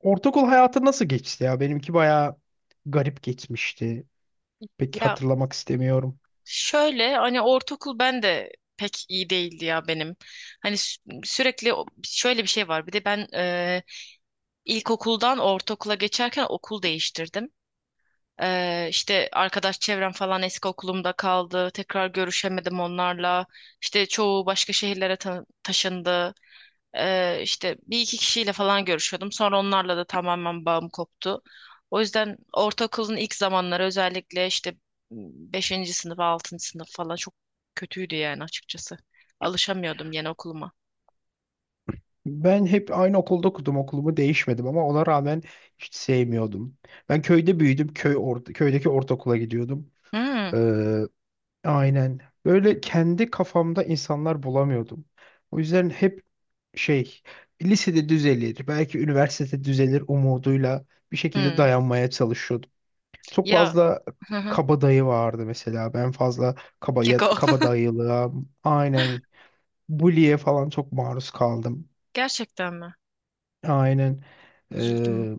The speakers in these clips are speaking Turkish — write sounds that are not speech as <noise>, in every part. Ortaokul hayatı nasıl geçti ya? Benimki bayağı garip geçmişti. Pek Ya hatırlamak istemiyorum. şöyle hani ortaokul ben de pek iyi değildi ya benim. Hani şöyle bir şey var. Bir de ben ilkokuldan ortaokula geçerken okul değiştirdim. İşte arkadaş çevrem falan eski okulumda kaldı. Tekrar görüşemedim onlarla. İşte çoğu başka şehirlere taşındı. İşte bir iki kişiyle falan görüşüyordum. Sonra onlarla da tamamen bağım koptu. O yüzden ortaokulun ilk zamanları özellikle işte beşinci sınıf, 6. sınıf falan çok kötüydü yani açıkçası. Alışamıyordum yeni okuluma. Ben hep aynı okulda okudum, okulumu değişmedim ama ona rağmen hiç sevmiyordum. Ben köyde büyüdüm, köydeki ortaokula gidiyordum. Hmm, Ee, Aynen. Böyle kendi kafamda insanlar bulamıyordum. O yüzden hep şey lisede düzelir, belki üniversitede düzelir umuduyla bir şekilde hmm. dayanmaya çalışıyordum. Çok Ya, fazla hı hı. kabadayı vardı mesela. Ben fazla kaba, Keko. <laughs> kabadayılığa, aynen, bully'e falan çok maruz kaldım. Gerçekten mi? Aynen. Üzüldüm. Ee,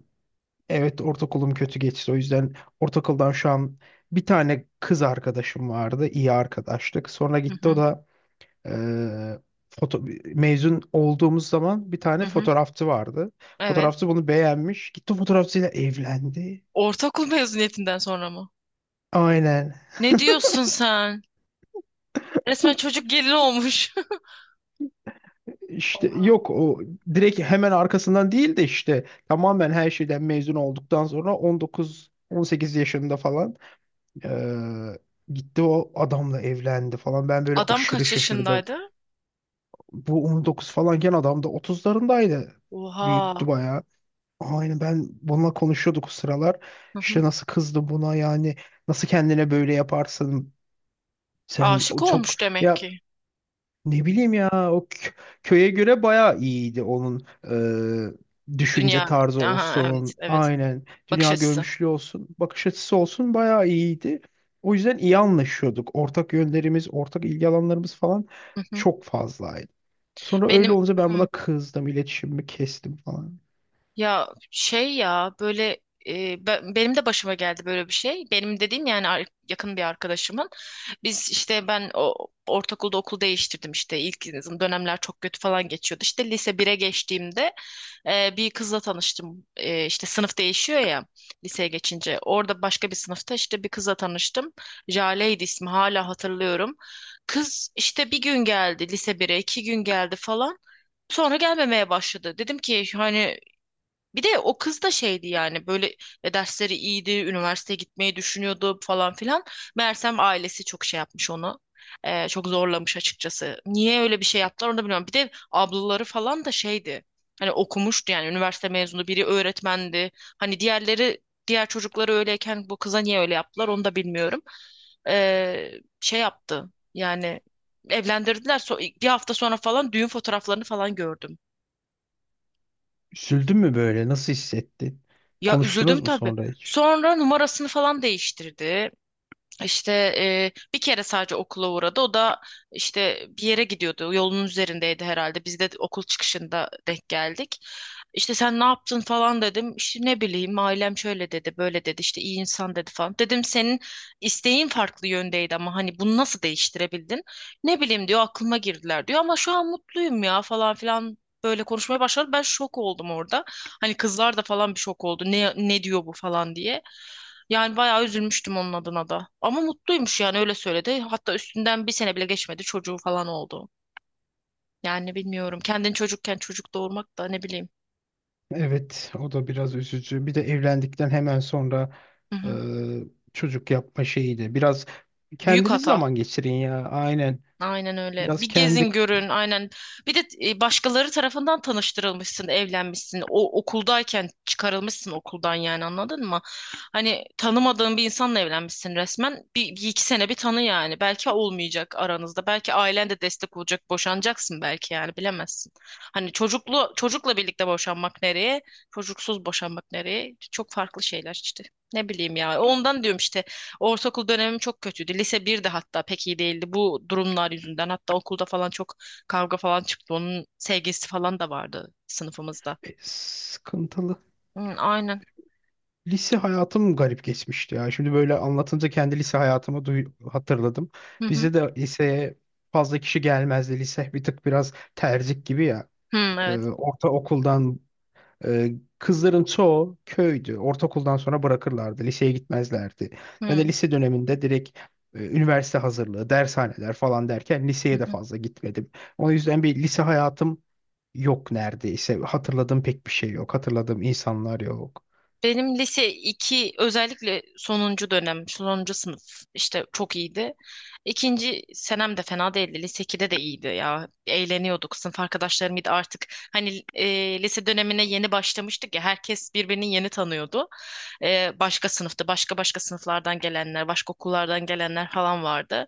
evet, ortaokulum kötü geçti. O yüzden ortaokuldan şu an bir tane kız arkadaşım vardı. İyi arkadaştık. Sonra Hı gitti o hı. da. Ee, foto, Mezun olduğumuz zaman bir Hı tane hı. fotoğrafçı vardı. Evet. Fotoğrafçı bunu beğenmiş. Gitti fotoğrafçıyla evlendi. Ortaokul mezuniyetinden sonra mı? Aynen. Ne diyorsun sen? Resmen çocuk gelin olmuş. <laughs> İşte Oha. yok, o direkt hemen arkasından değil de işte tamamen her şeyden mezun olduktan sonra 19 18 yaşında falan, ee, gitti o adamla evlendi falan. Ben böyle Adam aşırı kaç şaşırdım. yaşındaydı? Bu 19 falanken adam da 30'larındaydı. Oha. Büyüktü bayağı. Aynen, ben bununla konuşuyorduk o sıralar. Hı hı. İşte nasıl kızdı buna yani, nasıl kendine böyle yaparsın sen, Aşık o çok olmuş demek ya, ki. ne bileyim ya, köye göre bayağı iyiydi. Onun düşünce Dünya. tarzı Aha, evet, olsun, evet. aynen, Bakış dünya açısı. görmüşlüğü olsun, bakış açısı olsun bayağı iyiydi. O yüzden iyi anlaşıyorduk. Ortak yönlerimiz, ortak ilgi alanlarımız falan Hı hı. çok fazlaydı. Sonra öyle Benim olunca ben buna hı. kızdım, iletişimimi kestim falan. Ya böyle, benim de başıma geldi böyle bir şey. Benim dediğim yani yakın bir arkadaşımın. Biz işte ben o ortaokulda okul değiştirdim, işte ilk dönemler çok kötü falan geçiyordu. İşte lise bire geçtiğimde bir kızla tanıştım. İşte sınıf değişiyor ya liseye geçince. Orada başka bir sınıfta işte bir kızla tanıştım. Jale'ydi ismi, hala hatırlıyorum. Kız işte bir gün geldi, lise bire iki gün geldi falan. Sonra gelmemeye başladı. Dedim ki hani, bir de o kız da şeydi yani böyle, dersleri iyiydi, üniversiteye gitmeyi düşünüyordu falan filan. Meğersem ailesi çok şey yapmış onu. Çok zorlamış açıkçası. Niye öyle bir şey yaptılar onu da bilmiyorum. Bir de ablaları falan da şeydi. Hani okumuştu yani, üniversite mezunu biri öğretmendi. Hani diğer çocukları öyleyken bu kıza niye öyle yaptılar onu da bilmiyorum. E, Şey yaptı yani, evlendirdiler. Bir hafta sonra falan düğün fotoğraflarını falan gördüm. Üzüldün mü böyle? Nasıl hissettin? Ya üzüldüm Konuştunuz mu tabii. sonra hiç? Sonra numarasını falan değiştirdi. İşte bir kere sadece okula uğradı. O da işte bir yere gidiyordu. Yolun üzerindeydi herhalde. Biz de okul çıkışında denk geldik. İşte sen ne yaptın falan dedim. İşte ne bileyim ailem şöyle dedi, böyle dedi. İşte iyi insan dedi falan. Dedim senin isteğin farklı yöndeydi ama hani bunu nasıl değiştirebildin? Ne bileyim diyor, aklıma girdiler diyor ama şu an mutluyum ya falan filan, böyle konuşmaya başladı. Ben şok oldum orada. Hani kızlar da falan bir şok oldu. Ne diyor bu falan diye. Yani bayağı üzülmüştüm onun adına da. Ama mutluymuş yani, öyle söyledi. Hatta üstünden bir sene bile geçmedi, çocuğu falan oldu. Yani bilmiyorum. Kendin çocukken çocuk doğurmak da, ne bileyim. Evet, o da biraz üzücü. Bir de evlendikten hemen sonra Hı e, hı. çocuk yapma şeyi de biraz, Büyük kendiniz hata. zaman geçirin ya. Aynen. Aynen öyle. Biraz Bir kendi gezin görün aynen. Bir de başkaları tarafından tanıştırılmışsın, evlenmişsin. O okuldayken çıkarılmışsın okuldan yani, anladın mı? Hani tanımadığın bir insanla evlenmişsin resmen. Bir iki sene bir tanı yani. Belki olmayacak aranızda. Belki ailen de destek olacak. Boşanacaksın belki yani, bilemezsin. Hani çocuklu çocukla birlikte boşanmak nereye? Çocuksuz boşanmak nereye? Çok farklı şeyler işte. Ne bileyim ya. Ondan diyorum işte. Ortaokul dönemim çok kötüydü. Lise bir de hatta pek iyi değildi bu durumlar yüzünden. Hatta okulda falan çok kavga falan çıktı. Onun sevgilisi falan da vardı sınıfımızda. Sıkıntılı. Hı, aynen. Lise hayatım garip geçmişti ya. Şimdi böyle anlatınca kendi lise hayatımı hatırladım. Hı hı. Bizde de liseye fazla kişi gelmezdi. Lise bir tık biraz tercih gibi ya. Hı, Ee, evet. Ortaokuldan e, kızların çoğu köydü. Ortaokuldan sonra bırakırlardı. Liseye gitmezlerdi. Ben de Hı. lise döneminde direkt üniversite hazırlığı, dershaneler falan derken Hı liseye de hı. fazla gitmedim. O yüzden bir lise hayatım yok neredeyse. Hatırladığım pek bir şey yok. Hatırladığım insanlar yok. Benim lise iki, özellikle sonuncu dönem, sonuncu sınıf işte çok iyiydi. İkinci senem de fena değildi. Lise 2'de de iyiydi ya. Eğleniyorduk. Sınıf arkadaşlarım iyiydi artık. Hani lise dönemine yeni başlamıştık ya. Herkes birbirini yeni tanıyordu. Başka sınıfta, başka başka sınıflardan gelenler, başka okullardan gelenler falan vardı.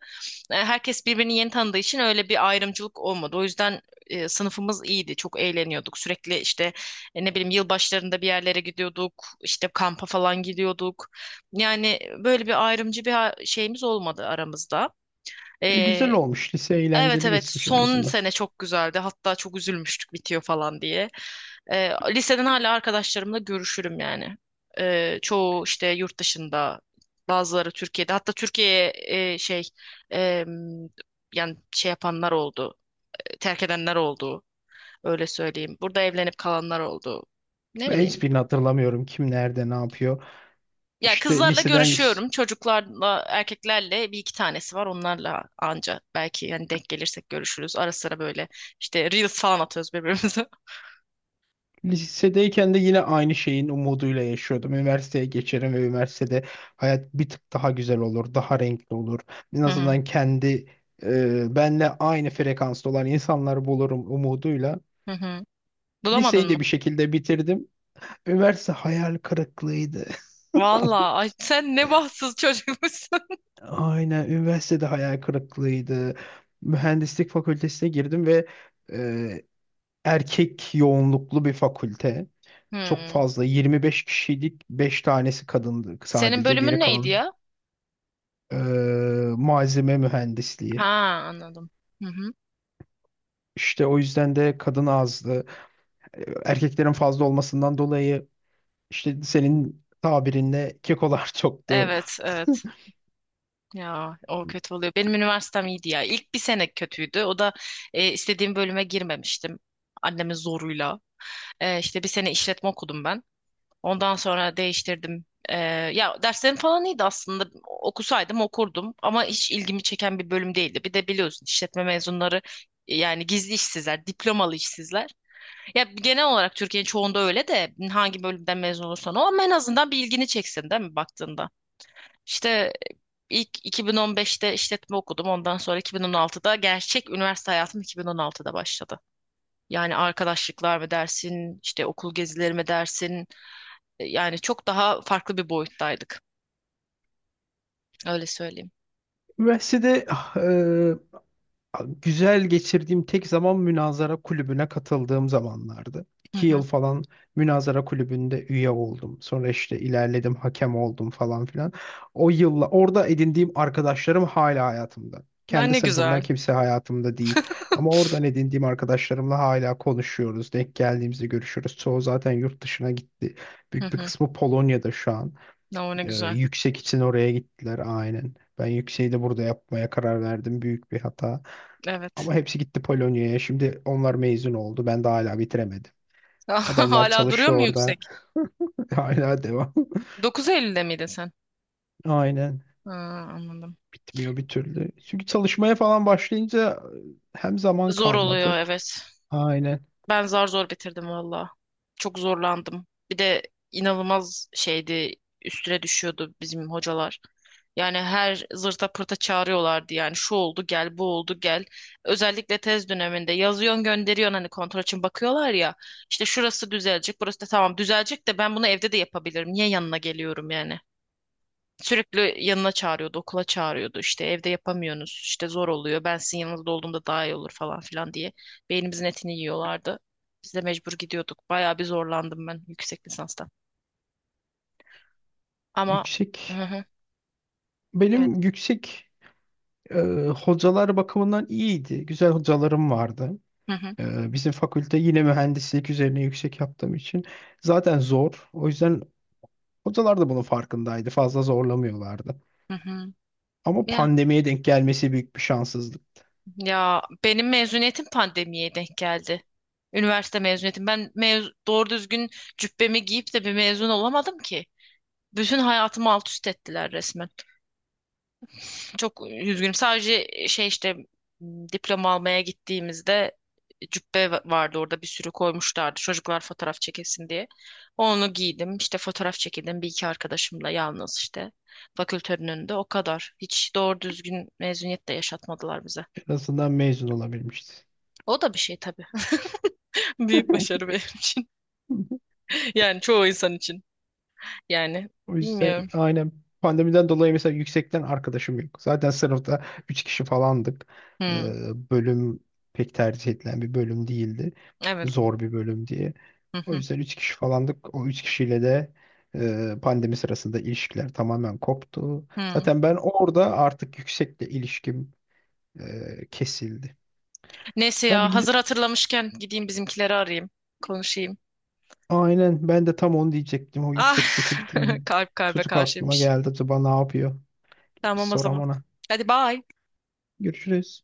Herkes birbirini yeni tanıdığı için öyle bir ayrımcılık olmadı. O yüzden sınıfımız iyiydi. Çok eğleniyorduk. Sürekli işte ne bileyim yılbaşlarında bir yerlere gidiyorduk, işte kampa falan gidiyorduk. Yani böyle bir ayrımcı bir şeyimiz olmadı aramızda. Güzel E, olmuş. Lise evet, eğlenceli evet, geçmiş en son azından. sene çok güzeldi. Hatta çok üzülmüştük bitiyor falan diye. E, Liseden hala arkadaşlarımla görüşürüm yani. Çoğu işte yurt dışında, bazıları Türkiye'de. Hatta Türkiye'ye e, şey e, yani şey yapanlar oldu, terk edenler oldu. Öyle söyleyeyim. Burada evlenip kalanlar oldu. Ne Ben bileyim. hiçbirini hatırlamıyorum. Kim nerede ne yapıyor. Ya İşte kızlarla görüşüyorum. Çocuklarla, erkeklerle bir iki tanesi var. Onlarla anca belki yani, denk gelirsek görüşürüz. Ara sıra böyle işte reels falan atıyoruz birbirimize. <laughs> lisedeyken de yine aynı şeyin umuduyla yaşıyordum. Üniversiteye geçerim ve üniversitede hayat bir tık daha güzel olur. Daha renkli olur. En Hı hı. azından benle aynı frekansta olan insanları bulurum umuduyla. Hı hı. Bulamadın Liseyi de mı? bir şekilde bitirdim. Üniversite hayal kırıklığıydı. Vallahi ay sen ne bahtsız çocukmuşsun. <laughs> Aynen, üniversitede hayal kırıklığıydı. Mühendislik fakültesine girdim ve e, erkek yoğunluklu bir fakülte. Çok Hmm. fazla, 25 kişilik, 5 tanesi kadındı Senin sadece, bölümün geri neydi kalan ya? e, malzeme Ha, mühendisliği. anladım. Hı hı. İşte o yüzden de kadın azdı. Erkeklerin fazla olmasından dolayı işte senin tabirinle kekolar <laughs> çoktu. Evet, evet. Ya o kötü oluyor. Benim üniversitem iyiydi ya. İlk bir sene kötüydü. O da istediğim bölüme girmemiştim. Annemin zoruyla. İşte bir sene işletme okudum ben. Ondan sonra değiştirdim. Ya derslerim falan iyiydi aslında. Okusaydım okurdum ama hiç ilgimi çeken bir bölüm değildi. Bir de biliyorsun işletme mezunları, yani gizli işsizler, diplomalı işsizler. Ya genel olarak Türkiye'nin çoğunda öyle de hangi bölümden mezun olursan ol ama en azından bir ilgini çeksin değil mi baktığında? İşte ilk 2015'te işletme okudum. Ondan sonra 2016'da, gerçek üniversite hayatım 2016'da başladı. Yani arkadaşlıklar mı dersin, işte okul gezileri mi dersin, yani çok daha farklı bir boyuttaydık. Öyle söyleyeyim. Üniversitede güzel geçirdiğim tek zaman münazara kulübüne katıldığım zamanlardı. Hı 2 yıl hı. falan münazara kulübünde üye oldum. Sonra işte ilerledim, hakem oldum falan filan. O yılla orada edindiğim arkadaşlarım hala hayatımda. Ya Kendi ne sınıfımdan güzel. kimse hayatımda değil. Ama oradan edindiğim arkadaşlarımla hala konuşuyoruz. Denk geldiğimizde görüşürüz. Çoğu zaten yurt dışına gitti. Hı Büyük bir hı. kısmı Polonya'da şu an. Ya ne güzel. Yüksek için oraya gittiler aynen. Ben yükseği de burada yapmaya karar verdim. Büyük bir hata. Evet. Ama hepsi gitti Polonya'ya. Şimdi onlar mezun oldu. Ben daha hala bitiremedim. <laughs> Adamlar Hala duruyor çalışıyor mu orada. yüksek? <laughs> Hala devam. 9.50'de miydin sen? <laughs> Aynen. Ha, anladım. Bitmiyor bir türlü. Çünkü çalışmaya falan başlayınca hem zaman Zor oluyor, kalmadı. evet. Aynen. Ben zar zor bitirdim valla. Çok zorlandım. Bir de inanılmaz şeydi, üstüne düşüyordu bizim hocalar. Yani her zırta pırta çağırıyorlardı, yani şu oldu gel, bu oldu gel. Özellikle tez döneminde yazıyorsun, gönderiyorsun hani kontrol için bakıyorlar ya. İşte şurası düzelecek, burası da tamam düzelecek de ben bunu evde de yapabilirim. Niye yanına geliyorum yani? Sürekli yanına çağırıyordu, okula çağırıyordu. İşte evde yapamıyorsunuz, işte zor oluyor. Ben sizin yanınızda olduğumda daha iyi olur falan filan diye. Beynimizin etini yiyorlardı. Biz de mecbur gidiyorduk. Bayağı bir zorlandım ben yüksek lisansta. Ama hı Yüksek. hı, evet. Benim e, hocalar bakımından iyiydi. Güzel hocalarım vardı. Hı hı, Bizim fakülte yine mühendislik üzerine yüksek yaptığım için zaten zor. O yüzden hocalar da bunun farkındaydı. Fazla zorlamıyorlardı. hı hı. Ama Ya, pandemiye denk gelmesi büyük bir şanssızlık. ya benim mezuniyetim pandemiye denk geldi. Üniversite mezuniyetim. Ben mez Doğru düzgün cübbemi giyip de bir mezun olamadım ki. Bütün hayatımı alt üst ettiler resmen. Çok üzgünüm. Sadece diploma almaya gittiğimizde cübbe vardı orada, bir sürü koymuşlardı çocuklar fotoğraf çekesin diye. Onu giydim, işte fotoğraf çekildim bir iki arkadaşımla, yalnız işte fakültenin önünde, o kadar. Hiç doğru düzgün mezuniyet de yaşatmadılar bize. En azından mezun olabilmişti. O da bir şey tabii. <laughs> Büyük başarı benim için. <laughs> Yani çoğu insan için. Yani O yüzden bilmiyorum. aynen, pandemiden dolayı mesela yüksekten arkadaşım yok. Zaten sınıfta 3 kişi falandık. Ee, Hmm, Bölüm pek tercih edilen bir bölüm değildi. evet. Zor bir bölüm diye. Hı O hı. yüzden 3 kişi falandık. O 3 kişiyle de pandemi sırasında ilişkiler tamamen koptu. Hı. Zaten ben orada artık yüksekle ilişkim kesildi. Neyse Ben bir ya, gidip hazır hatırlamışken gideyim bizimkileri arayayım. Konuşayım. Aynen, ben de tam onu diyecektim. O Ah, yüksekteki bir tane <laughs> kalp kalbe çocuk aklıma karşıymış. geldi. Acaba ne yapıyor? Gidip bir Tamam o soram zaman. ona. Hadi bye. Görüşürüz.